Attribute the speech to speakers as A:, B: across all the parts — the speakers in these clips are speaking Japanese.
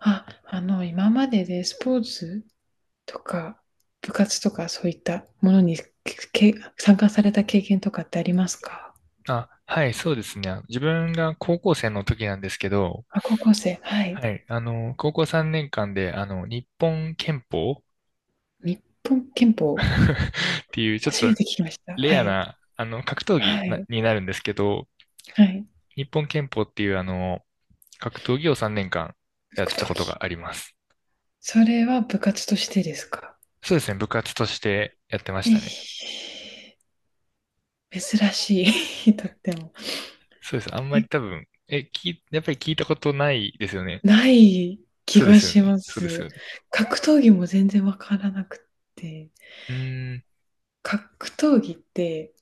A: あ、あの、今まででスポーツとか部活とかそういったものにけ参加された経験とかってありますか？
B: はい、そうですね。自分が高校生の時なんですけど、
A: あ、高校生、はい。
B: はい、高校3年間で、日本拳法
A: 日本拳法、
B: っていう、ちょっ
A: 初
B: と
A: めて聞きました。は
B: レア
A: い。
B: な、格闘技
A: はい。
B: になるんですけど、
A: はい。
B: 日本拳法っていう、格闘技を3年間やっ
A: 格
B: てたこ
A: 闘
B: と
A: 技。
B: があります。
A: それは部活としてですか？
B: そうですね、部活としてやってまし
A: え
B: た
A: ー
B: ね。
A: 珍しい、とっても。
B: そうです。あんま
A: え、
B: り多分、やっぱり聞いたことないですよね。
A: ない気
B: そうで
A: が
B: すよ
A: し
B: ね。
A: ま
B: そうです
A: す。
B: よね。
A: 格闘技も全然わからなくて。
B: うーん。
A: 格闘技って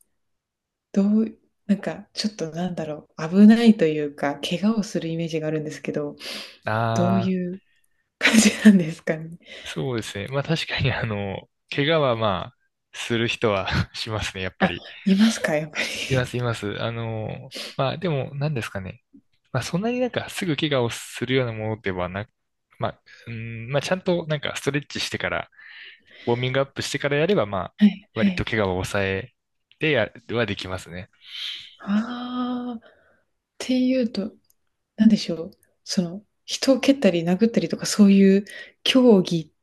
A: どう、なんかちょっとなんだろう、危ないというか、怪我をするイメージがあるんですけど、どう
B: あ
A: い
B: あ。
A: う感じなんですかね？
B: そうですね。まあ確かに怪我はまあ、する人は しますね、やっぱ
A: あ、
B: り。
A: いますか、やっぱ
B: いま
A: り。
B: す、います。まあでも、何ですかね。まあそんなになんかすぐ怪我をするようなものではなく、まあ、うん、まあちゃんとなんかストレッチしてから、ウォーミングアップしてからやれば、まあ、
A: はいは
B: 割と
A: い。
B: 怪我を抑えてはできますね。
A: ああ、っていうと、なんでしょう、その、人を蹴ったり殴ったりとかそういう競技っ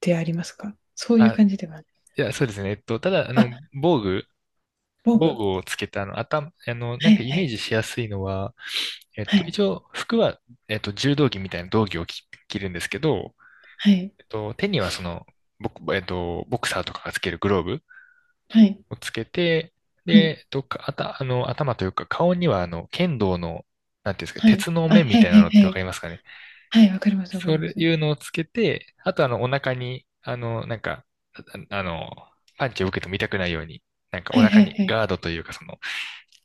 A: てありますか？そういう
B: あ、
A: 感じでは、
B: いや、そうですね。ただ、
A: あ、防
B: 防
A: 具。
B: 具をつけた、頭、
A: は
B: なんか
A: い
B: イ
A: は
B: メー
A: い。
B: ジしやすいのは、
A: はい
B: 一応、服は、柔道着みたいな道着を着るんですけど、
A: はい
B: 手にはその、ボクサーとかがつけるグローブ
A: はい
B: をつけて、
A: はい
B: で、かあた、あの、頭というか、顔には、剣道の、なんていうんですか、
A: はい。
B: 鉄の
A: あ、
B: 面み
A: はい
B: たい
A: は
B: なの
A: い
B: っ
A: は
B: てわか
A: い。
B: りますかね。
A: はい、わかりますわか
B: そ
A: りま
B: う
A: す。
B: いうのをつけて、あと、お腹に、なんか、ああの、パンチを受けても痛くないように、なんか
A: は
B: お
A: い
B: 腹
A: はい
B: に
A: はい。
B: ガードというか、その、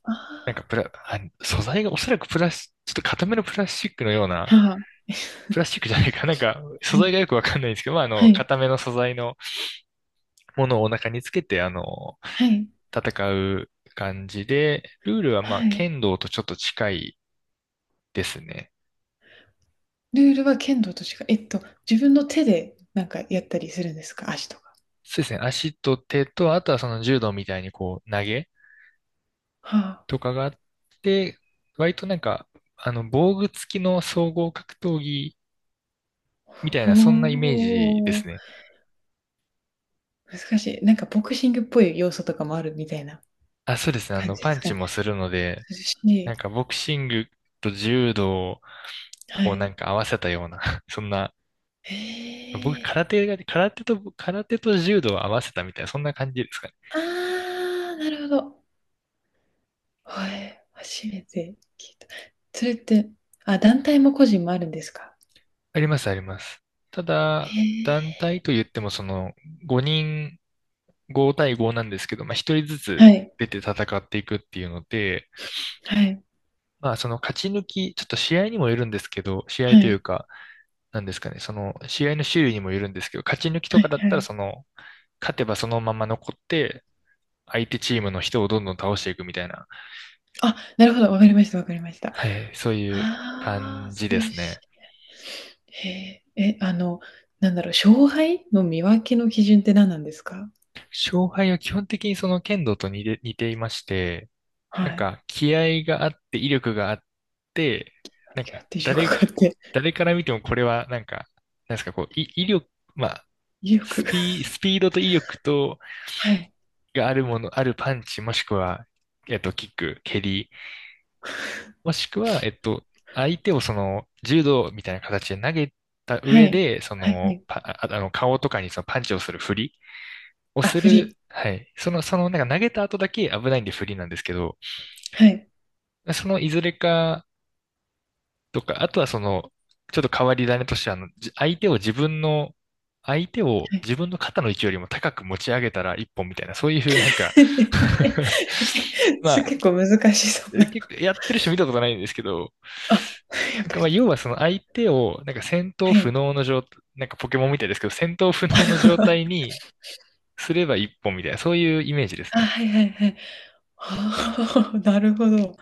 A: あ
B: なんかプラ、あ素材がおそらくプラス、ちょっと固めのプラスチックのような、
A: あ、はあ、
B: プラスチックじゃないか。なんか、
A: は
B: 素材
A: い。
B: がよくわかんないんですけど、まあ、
A: はい、
B: 固めの素材のものをお腹につけて、
A: はい、
B: 戦う感じで、ルールはまあ、
A: はい。
B: 剣道とちょっと近いですね。
A: ルールは剣道としか、えっと、自分の手でなんかやったりするんですか、足とか。
B: そうですね。足と手と、あとはその柔道みたいにこう、投げ
A: は
B: とかがあって、割となんか、防具付きの総合格闘技
A: あ、
B: みたいな、そんなイメージで
A: ほー、
B: すね。
A: 難しい。なんかボクシングっぽい要素とかもあるみたいな
B: あ、そうですね。
A: 感じで
B: パン
A: すか
B: チ
A: ね。
B: もするので、
A: 涼しい。
B: なんかボクシングと柔道
A: は
B: をな
A: い。
B: んか合わせたような、そんな、
A: へ
B: 僕
A: え、
B: 空手と柔道を合わせたみたいな、そんな感じですかね。
A: あー、なるほど。はい、初めて聞いた。それって、あ、団体も個人もあるんですか？
B: あります、あります。た
A: へ
B: だ、
A: え。
B: 団体と言ってもその5人、5対5なんですけど、まあ1人ずつ
A: はい、
B: 出て戦っていくっていうので、
A: はい、
B: まあその勝ち抜き、ちょっと試合にもよるんですけど、試合
A: は
B: という
A: い、
B: か、なんですかね、その試合の種類にもよるんですけど、勝ち抜きと
A: は
B: か
A: い、
B: だっ
A: は
B: たら
A: い。
B: その、勝てばそのまま残って、相手チームの人をどんどん倒していくみたいな、
A: あ、なるほど、わかりました、わかりました。
B: はい、そういう
A: ああ、
B: 感
A: そ
B: じ
A: う
B: で
A: いう
B: す
A: し、
B: ね。
A: へえ、え、あの、なんだろう、勝敗の見分けの基準って何なんですか？
B: 勝敗は基本的にその剣道と似ていまして、
A: は
B: なん
A: い。
B: か気合があって威力があって、なん
A: いや
B: か
A: って威力があって、
B: 誰から見てもこれはなんか、なんですか、こう、威力、まあ、
A: 威力。
B: スピードと威力と、
A: はい。
B: があるもの、あるパンチ、もしくは、キック、蹴りもしくは、相手をその柔道みたいな形で投げた
A: は
B: 上
A: い。
B: で、そ
A: はいは
B: の
A: い。
B: パ、ああの顔とかにそのパンチをする振りを
A: あ、
B: す
A: 振
B: る、
A: り。
B: はい。その、そのなんか投げた後だけ危ないんで振りなんですけど、
A: はい。
B: そのいずれかとか、あとはその、ちょっと変わり種としては、じ相手を自分の、相手を
A: はい。
B: 自分の肩の位置よりも高く持ち上げたら一本みたいな、そういうなんか ま
A: す
B: あ、
A: 結構難しそうな。
B: 結構やってる人見たことないんですけど、
A: あ、やっ
B: なん
A: ぱ
B: かまあ
A: り。
B: 要はその相手を、なんか戦闘
A: は
B: 不
A: い。
B: 能の状態、なんかポケモンみたいですけど、戦闘不能の状態 にすれば一本みたいな、そういうイメージです
A: あ、
B: ね。
A: はいはいはい。ああ、なるほど。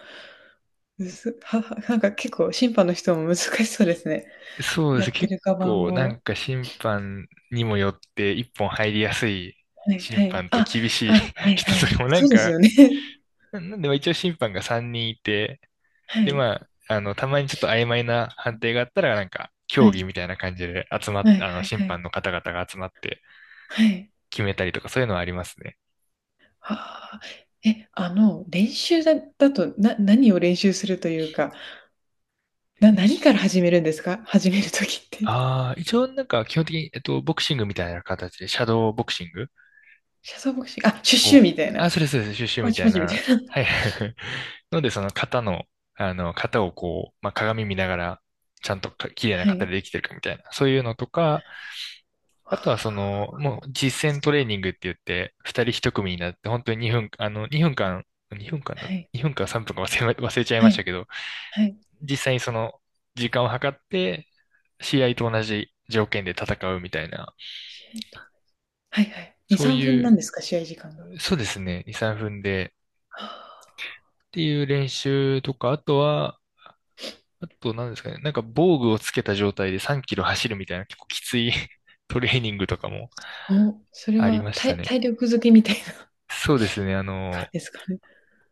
A: むずははなんか結構審判の人も難しそうですね。
B: そうで
A: や
B: す。
A: って
B: 結
A: る側
B: 構なん
A: も
B: か審判にもよって一本入りやすい
A: はい
B: 審
A: はい。
B: 判と
A: あ、
B: 厳しい
A: あ、は い
B: 人
A: は
B: と
A: い。
B: かもな
A: そ
B: ん
A: うです
B: か、
A: よね。
B: なんでまあ一応審判が3人いて、
A: は
B: で
A: い。
B: まあ、たまにちょっと曖昧な判定があったらなんか、
A: は
B: 競
A: い。
B: 技みたいな感じで集まっ、
A: はい
B: あの、
A: はい
B: 審
A: はい。
B: 判の方々が集まって
A: はい。
B: 決めたりとかそういうのはありますね。
A: はあ。え、あの、練習だと、な何を練習するというか、な
B: 練
A: 何か
B: 習。
A: ら始めるんですか？始める時って。
B: ああ、一応なんか基本的に、ボクシングみたいな形で、シャドーボクシング
A: シャボクシングあ、シュッシュ
B: こう、
A: みたいな、
B: あ、それそれそれ、シュッシュ
A: パ
B: み
A: チ
B: たい
A: パチみたい
B: な。
A: な。
B: はい。ので、その型の、型をこう、まあ、鏡見ながら、ちゃんとか綺麗な
A: は
B: 型
A: い。
B: でできてるかみたいな。そういうのとか、
A: は
B: あとはその、
A: あ、
B: もう
A: ど
B: 実
A: っ
B: 践ト
A: ち
B: レー
A: か、
B: ニングって言って、二人一組になって、本当に2分、2分間、2分間だ、
A: はい。
B: 2分間3分か忘れま、忘れちゃい
A: は
B: ました
A: い。
B: けど、
A: はい。
B: 実際にその、時間を測って、試合と同じ条件で戦うみたいな、
A: シュッと、はいはい。2、
B: そう
A: 3
B: い
A: 分なん
B: う
A: ですか？試合時間が。
B: そうですね。2、3分で。
A: はあ。
B: っていう練習とか、あとは、あと何ですかね。なんか防具をつけた状態で3キロ走るみたいな結構きつい トレーニングとかも
A: おそれ
B: あり
A: は
B: まし
A: た
B: た
A: い
B: ね。
A: 体力づけみたいな
B: そうですね。
A: 感じですかね。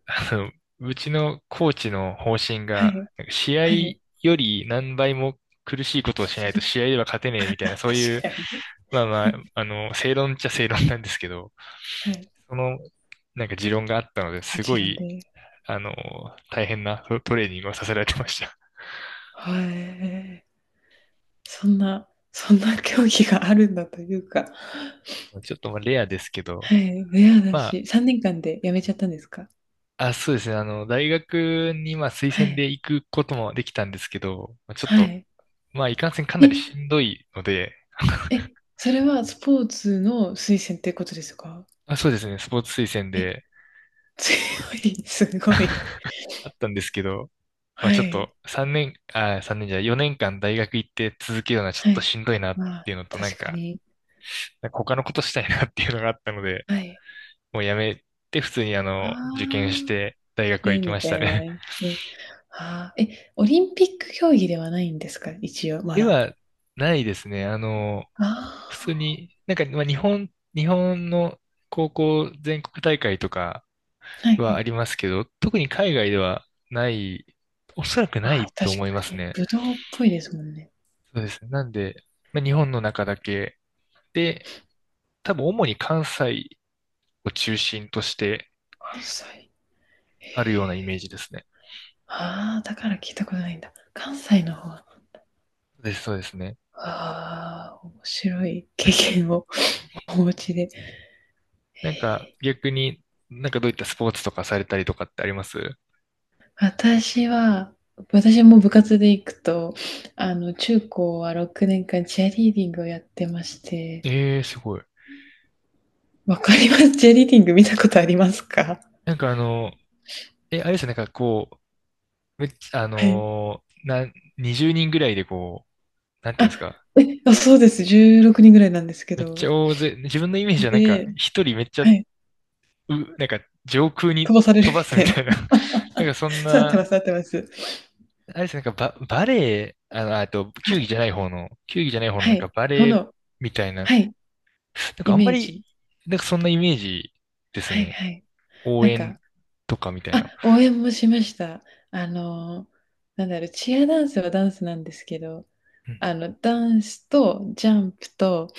B: あの、うちのコーチの方針
A: は
B: が、
A: い。
B: なんか試合
A: はい。
B: より何倍も苦しいことをしないと試合
A: 確
B: では勝てねえみたいな、そういう、
A: かに
B: まあまあ、正論っちゃ正論なんですけど、
A: はい。
B: その、なんか持論があったので、
A: も
B: す
A: ち
B: ご
A: ろん
B: い
A: で。
B: あの、大変なトレーニングをさせられてました。
A: はい。そんな、そんな競技があるんだというか。
B: ちょっとまあレアですけど、
A: はい。レアだ
B: ま
A: し、3年間で辞めちゃったんですか？
B: あ、あ、そうですね、大学にまあ推
A: は
B: 薦
A: い。
B: で行くこともできたんですけど、まあちょっ
A: は
B: と、
A: い。
B: まあ、いかんせんかな
A: え、
B: りしんどいので、
A: え、それはスポーツの推薦ってことですか？
B: まあ、そうですね、スポーツ推薦
A: え、
B: で
A: 強い、すごい。
B: あったんですけど、まあ、
A: は
B: ちょっ
A: い。
B: と3年、あ、3年じゃない4年間大学行って続けるのはちょ
A: は
B: っと
A: い。
B: しんどいなっ
A: まあ、
B: ていうのと、
A: 確かに。
B: なんか他のことしたいなっていうのがあったので、
A: はい。
B: もうやめて普通に
A: あ
B: 受験し
A: あ、
B: て大学は
A: ね、
B: 行き
A: み
B: まし
A: た
B: た
A: いな。
B: ね。
A: ね。ああ、え、オリンピック競技ではないんですか、一応、ま
B: で
A: だ。
B: はないですね。
A: あ
B: 普通に、なんか、まあ、日本の高校全国大会とか
A: あ、はいは
B: はあ
A: い。
B: りますけど、特に海外ではない、おそらくな
A: ああ、
B: いと
A: 確
B: 思いま
A: か
B: す
A: に。
B: ね。
A: ぶどうっぽいですもんね。
B: そうですね。なんで、まあ、日本の中だけで、多分主に関西を中心として
A: 関西。へ
B: あるようなイメ
A: え。
B: ージですね。
A: ああ、だから聞いたことないんだ。関西の方。あ
B: そうです、そうですね。
A: あ、面白い経験を お持ちで。
B: な
A: へ
B: んか
A: え、
B: 逆に、なんかどういったスポーツとかされたりとかってあります？
A: 私は、私も部活で行くと、あの、中高は6年間チアリーディングをやってまして、
B: ええー、すごい。
A: わかります。チアリーディング見たことありますか？
B: なんかあれですよね、なんかこう、めっちゃ、あ
A: はい。
B: のーな、20人ぐらいでこう、なんて
A: あ、
B: いうんですか、
A: え、あ、そうです。16人ぐらいなんですけ
B: めっち
A: ど。
B: ゃ大勢、自分のイメージはなんか、
A: で、
B: 一人めっちゃ、
A: はい。
B: なんか、上空
A: 久
B: に
A: 保される
B: 飛
A: み
B: ばす
A: た
B: み
A: いな。
B: たいな、なんか そん
A: そうなってま
B: な、
A: す、なってます。
B: あれですね、なんかバレエ、あと、
A: あれ、
B: 球技じゃない方の
A: は
B: なんか
A: い。
B: バ
A: そ
B: レエ
A: の、
B: みたいな、な
A: はい、
B: んか
A: イ
B: あんま
A: メー
B: り、
A: ジ。
B: なんかそんなイメージです
A: はい
B: ね。
A: はい。
B: 応
A: なんか、
B: 援とかみたいな。
A: あ、応援もしました。あの、なんだろう、チアダンスはダンスなんですけど、
B: う
A: あ
B: ん。
A: の、ダンスとジャンプと、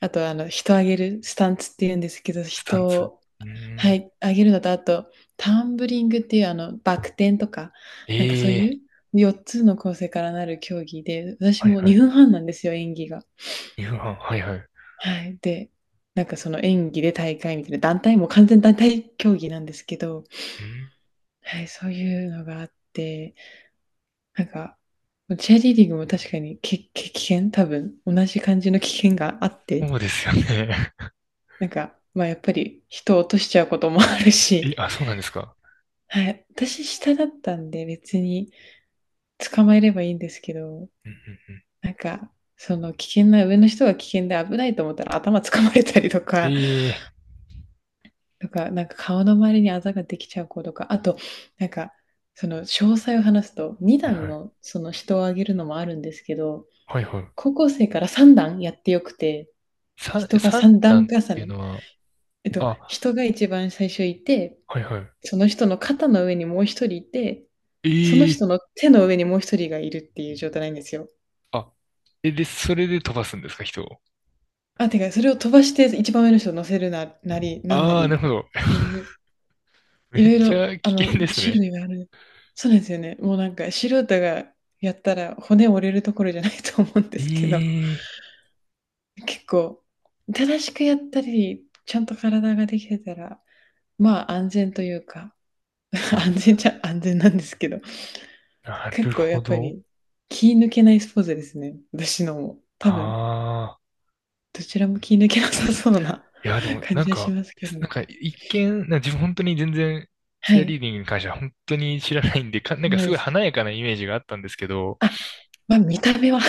A: あと、あの、人上げるスタンツって言うんですけど、
B: スタン
A: 人
B: ツ。
A: を、
B: うー
A: は
B: ん。
A: い、上げるのと、あと、タンブリングっていう、あの、バク転とか、なんかそういう
B: ええ、
A: 4つの構成からなる競技で、私
B: はい
A: も
B: はい。
A: 2分半なんですよ、演技が。
B: 夕飯、はいはい。
A: はい。で、なんかその演技で大会みたいな、団体も完全団体競技なんですけど、
B: うん、
A: はい、そういうのがあって、なんか、チェアリーディングも確かにけけ危険多分、同じ感じの危険があって、
B: そうですよね。
A: なんか、まあやっぱり人を落としちゃうこともある
B: え、
A: し、
B: あ、そうなんですか。
A: はい、私下だったんで別に捕まえればいいんですけど、
B: うんうんうん。
A: なんか、その危険な、上の人が危険で危ないと思ったら頭掴まれたりと
B: え
A: か、
B: え、
A: とか、なんか顔の周りにあざができちゃう子とか、あと、なんか、その詳細を話すと、
B: はい
A: 2段
B: はい。
A: のその人を上げるのもあるんですけど、
B: はいはい。
A: 高校生から3段やってよくて、
B: 三、
A: 人が
B: 三
A: 3段
B: 段っ
A: 重
B: ていう
A: ね。
B: のは、
A: えっと、
B: あ、
A: 人が一番最初いて、
B: はいはい。
A: その人の肩の上にもう一人いて、その
B: え
A: 人の
B: え、
A: 手の上にもう一人がいるっていう状態なんですよ。
B: あ、え、で、それで飛ばすんですか、人を。
A: あ、てか、それを飛ばして一番上の人を乗せるな、なり、なんな
B: ああ、なる
A: り
B: ほど。
A: って いう、
B: め
A: い
B: っ
A: ろい
B: ち
A: ろ、
B: ゃ
A: あ
B: 危
A: の、
B: 険です
A: 種
B: ね。
A: 類がある。そうなんですよね。もうなんか、素人がやったら骨折れるところじゃないと思うんですけど、
B: ええ、
A: 結構、正しくやったり、ちゃんと体ができてたら、まあ安全というか、安
B: あ、
A: 全じゃ安全なんですけど、
B: なる
A: 結構や
B: ほ
A: っぱ
B: ど。
A: り気抜けないスポーツですね。私のも。多分、
B: ああ、
A: どちらも気抜けなさそうな
B: いや、で も、
A: 感
B: なん
A: じはし
B: か、
A: ますけ
B: な
A: ど。
B: んか、一見、なんか自分本当に全然、
A: は
B: チアリー
A: い。
B: ディングに関しては本当に知らないんで、か、
A: そ
B: なん
A: う
B: か
A: な
B: す
A: ん
B: ご
A: で
B: い
A: すけ
B: 華や
A: ど。
B: かなイメージがあったんですけど、
A: あ、まあ見た目は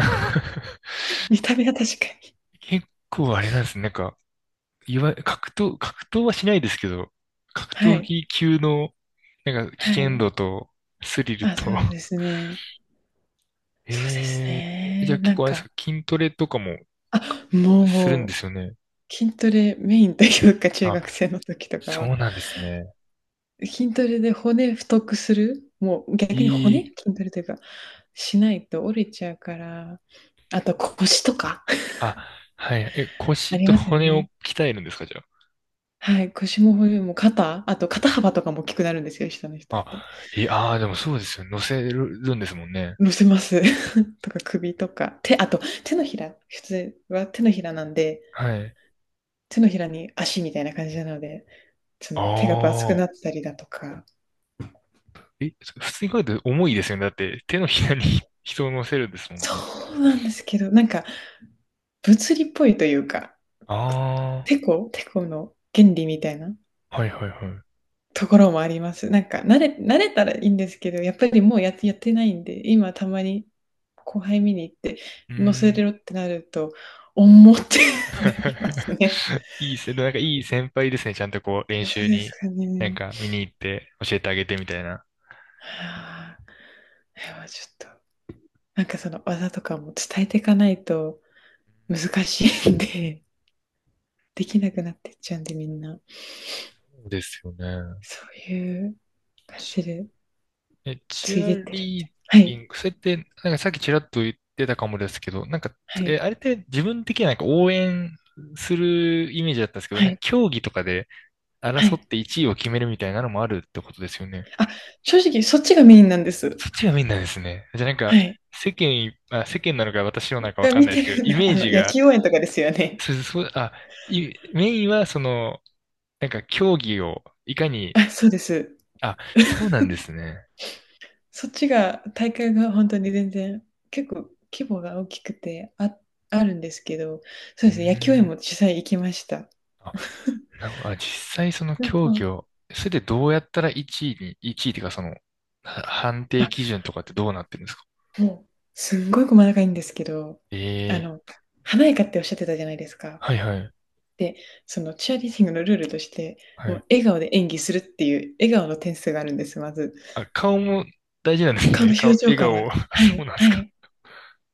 A: 見た目は確かに。
B: 結構あれなんですね。なんか、いわ、格闘はしないですけど、格
A: は
B: 闘
A: い。
B: 技級の、なんか危
A: は
B: 険
A: い。
B: 度と、スリル
A: あ、
B: と、
A: そうですね。そうです
B: えじゃあ
A: ね。
B: 結
A: なん
B: 構あれです
A: か、
B: か、筋トレとかもか
A: あ、もう
B: するん
A: も
B: ですよね。
A: う、筋トレメインというか、中
B: あ、
A: 学生の時とかは、
B: そうなんですね。
A: 筋トレで骨太くする、もう逆に
B: い
A: 骨
B: い。
A: 筋トレというか、しないと折れちゃうから、あと腰とか
B: あ、はい。え、
A: あ
B: 腰
A: り
B: と
A: ますよ
B: 骨を
A: ね。
B: 鍛えるんですか、じゃ
A: はい、腰も骨も肩、あと肩幅とかも大きくなるんですよ、下の人
B: あ。
A: って。
B: あ、いい、あー、でもそうですよね。乗せるんですもんね。
A: 乗せます。とか首とか、手、あと手のひら、普通は手のひらなんで、
B: はい。
A: 手のひらに足みたいな感じなので、そ
B: あ
A: の手がバツく
B: あ。
A: なったりだとか、
B: え、普通に考えて重いですよね。だって手のひらに 人を乗せるんですもんね。
A: そう。なんですけど、なんか物理っぽいというか、
B: ああ。
A: テコの原理みたいな
B: はいはいはい。う
A: ところもあります。なんか慣れたらいいんですけど、やっぱりもうやって、やってないんで、今たまに後輩見に行って、
B: ー
A: 乗せ
B: ん。
A: れろってなると、重ってなりますね。
B: いいせ、なんかいい先輩ですね。ちゃんとこう練
A: そ
B: 習
A: うです
B: に、
A: か
B: なん
A: ね。
B: か見に行って教えてあげてみたいな。
A: はあ、ちょっと、なんかその技とかも伝えていかないと難しいんで、できなくなってっちゃうんで、みんな。
B: そうですよね。
A: そういう感じ
B: チ、
A: で、
B: え、チ
A: ついで
B: ア
A: ってるみ
B: リー
A: たい。は
B: ディ
A: い、
B: ング、それって、なんかさっきちらっと言ってたかもですけど、なんか、
A: はい、
B: え、あれって自分的にはなんか応援するイメージだったんですけど、
A: は
B: なんか
A: い、
B: 競技とかで
A: は
B: 争っ
A: い。
B: て1位を決めるみたいなのもあるってことですよね。
A: あ、正直、そっちがメインなんです。
B: そっちがメインなんですね。じゃあなん
A: は
B: か、
A: い。
B: 世間い、あ、世間なのか私のなのかわ
A: が
B: かん
A: 見
B: ないで
A: て
B: すけど、
A: るん
B: イ
A: だ。
B: メー
A: あの、
B: ジ
A: 野
B: が
A: 球応援とかですよね。
B: そそう、あ、いメインはその、なんか競技をいかに、
A: あ、そうです。
B: あ、そうなんですね。
A: そっちが、大会が本当に全然、結構規模が大きくて、あ、あるんですけど、そ
B: う
A: う
B: ー
A: ですね、野球応援も
B: ん。
A: 実際行きました。
B: あ、な、あ、実際その
A: 両
B: 競
A: 方、
B: 技を、それでどうやったら1位に、1位っていうかその、は判定
A: あ、
B: 基準とかってどうなってるんですか。
A: もう、すんごい細かいんですけど、あ
B: ええ、
A: の、華やかっておっしゃってたじゃないですか。
B: はいはい、
A: で、そのチアリーディングのルールとして、
B: は
A: も
B: い。
A: う笑顔で演技するっていう笑顔の点数があるんです、まず。
B: あ、顔も大事なんです
A: 顔の
B: ね。
A: 表
B: 顔、
A: 情
B: 笑
A: から、
B: 顔 あ、
A: は
B: そう
A: い
B: なんです
A: は
B: か。
A: い。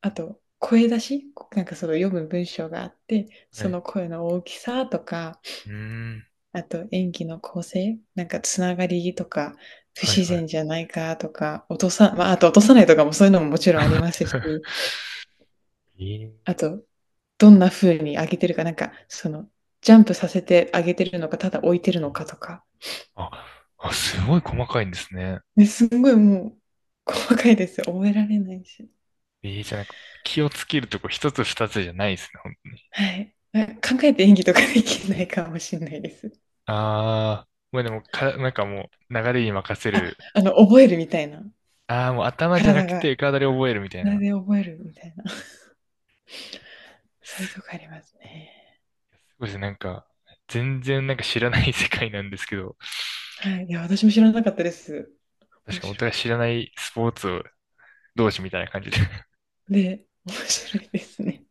A: あと、声出し、こなんかその読む文章があって、
B: は
A: その
B: い。
A: 声の大きさとか、
B: うーん、
A: あと演技の構成、なんかつながりとか、不
B: はい
A: 自
B: はい。
A: 然じゃないかとか、落とさま、あと落とさないとかもそういうのももちろんありますし、
B: え
A: あ
B: え、
A: と、どんな風に上げてるか、なんかそのジャンプさせて上げてるのか、ただ置いてるのかとか。
B: あ、あ、すごい細かいんですね。
A: ねすんごいもう、細かいですよ。覚えられないし。
B: ええ、じゃあなんか気をつけるとこ一つ二つじゃないですね。ほん、
A: はい。え考えて演技とかできないかもしんないです。
B: ああ、もうでもか、なんかもう流れに任せ
A: あ、
B: る。
A: あの、覚えるみたいな。
B: ああ、もう頭じゃな
A: 体
B: く
A: が、
B: て体で覚えるみたい
A: 体
B: な。
A: で覚えるみたいな。
B: す
A: そういうとこありますね。
B: ごいですね。なんか、全然なんか知らない世界なんですけど、
A: はい。いや、私も知らなかったです。
B: 確
A: 面
B: かにお
A: 白
B: 互い
A: か
B: 知ら
A: っ
B: ないスポーツを同士みたいな感じで。
A: た。で、面白いですね。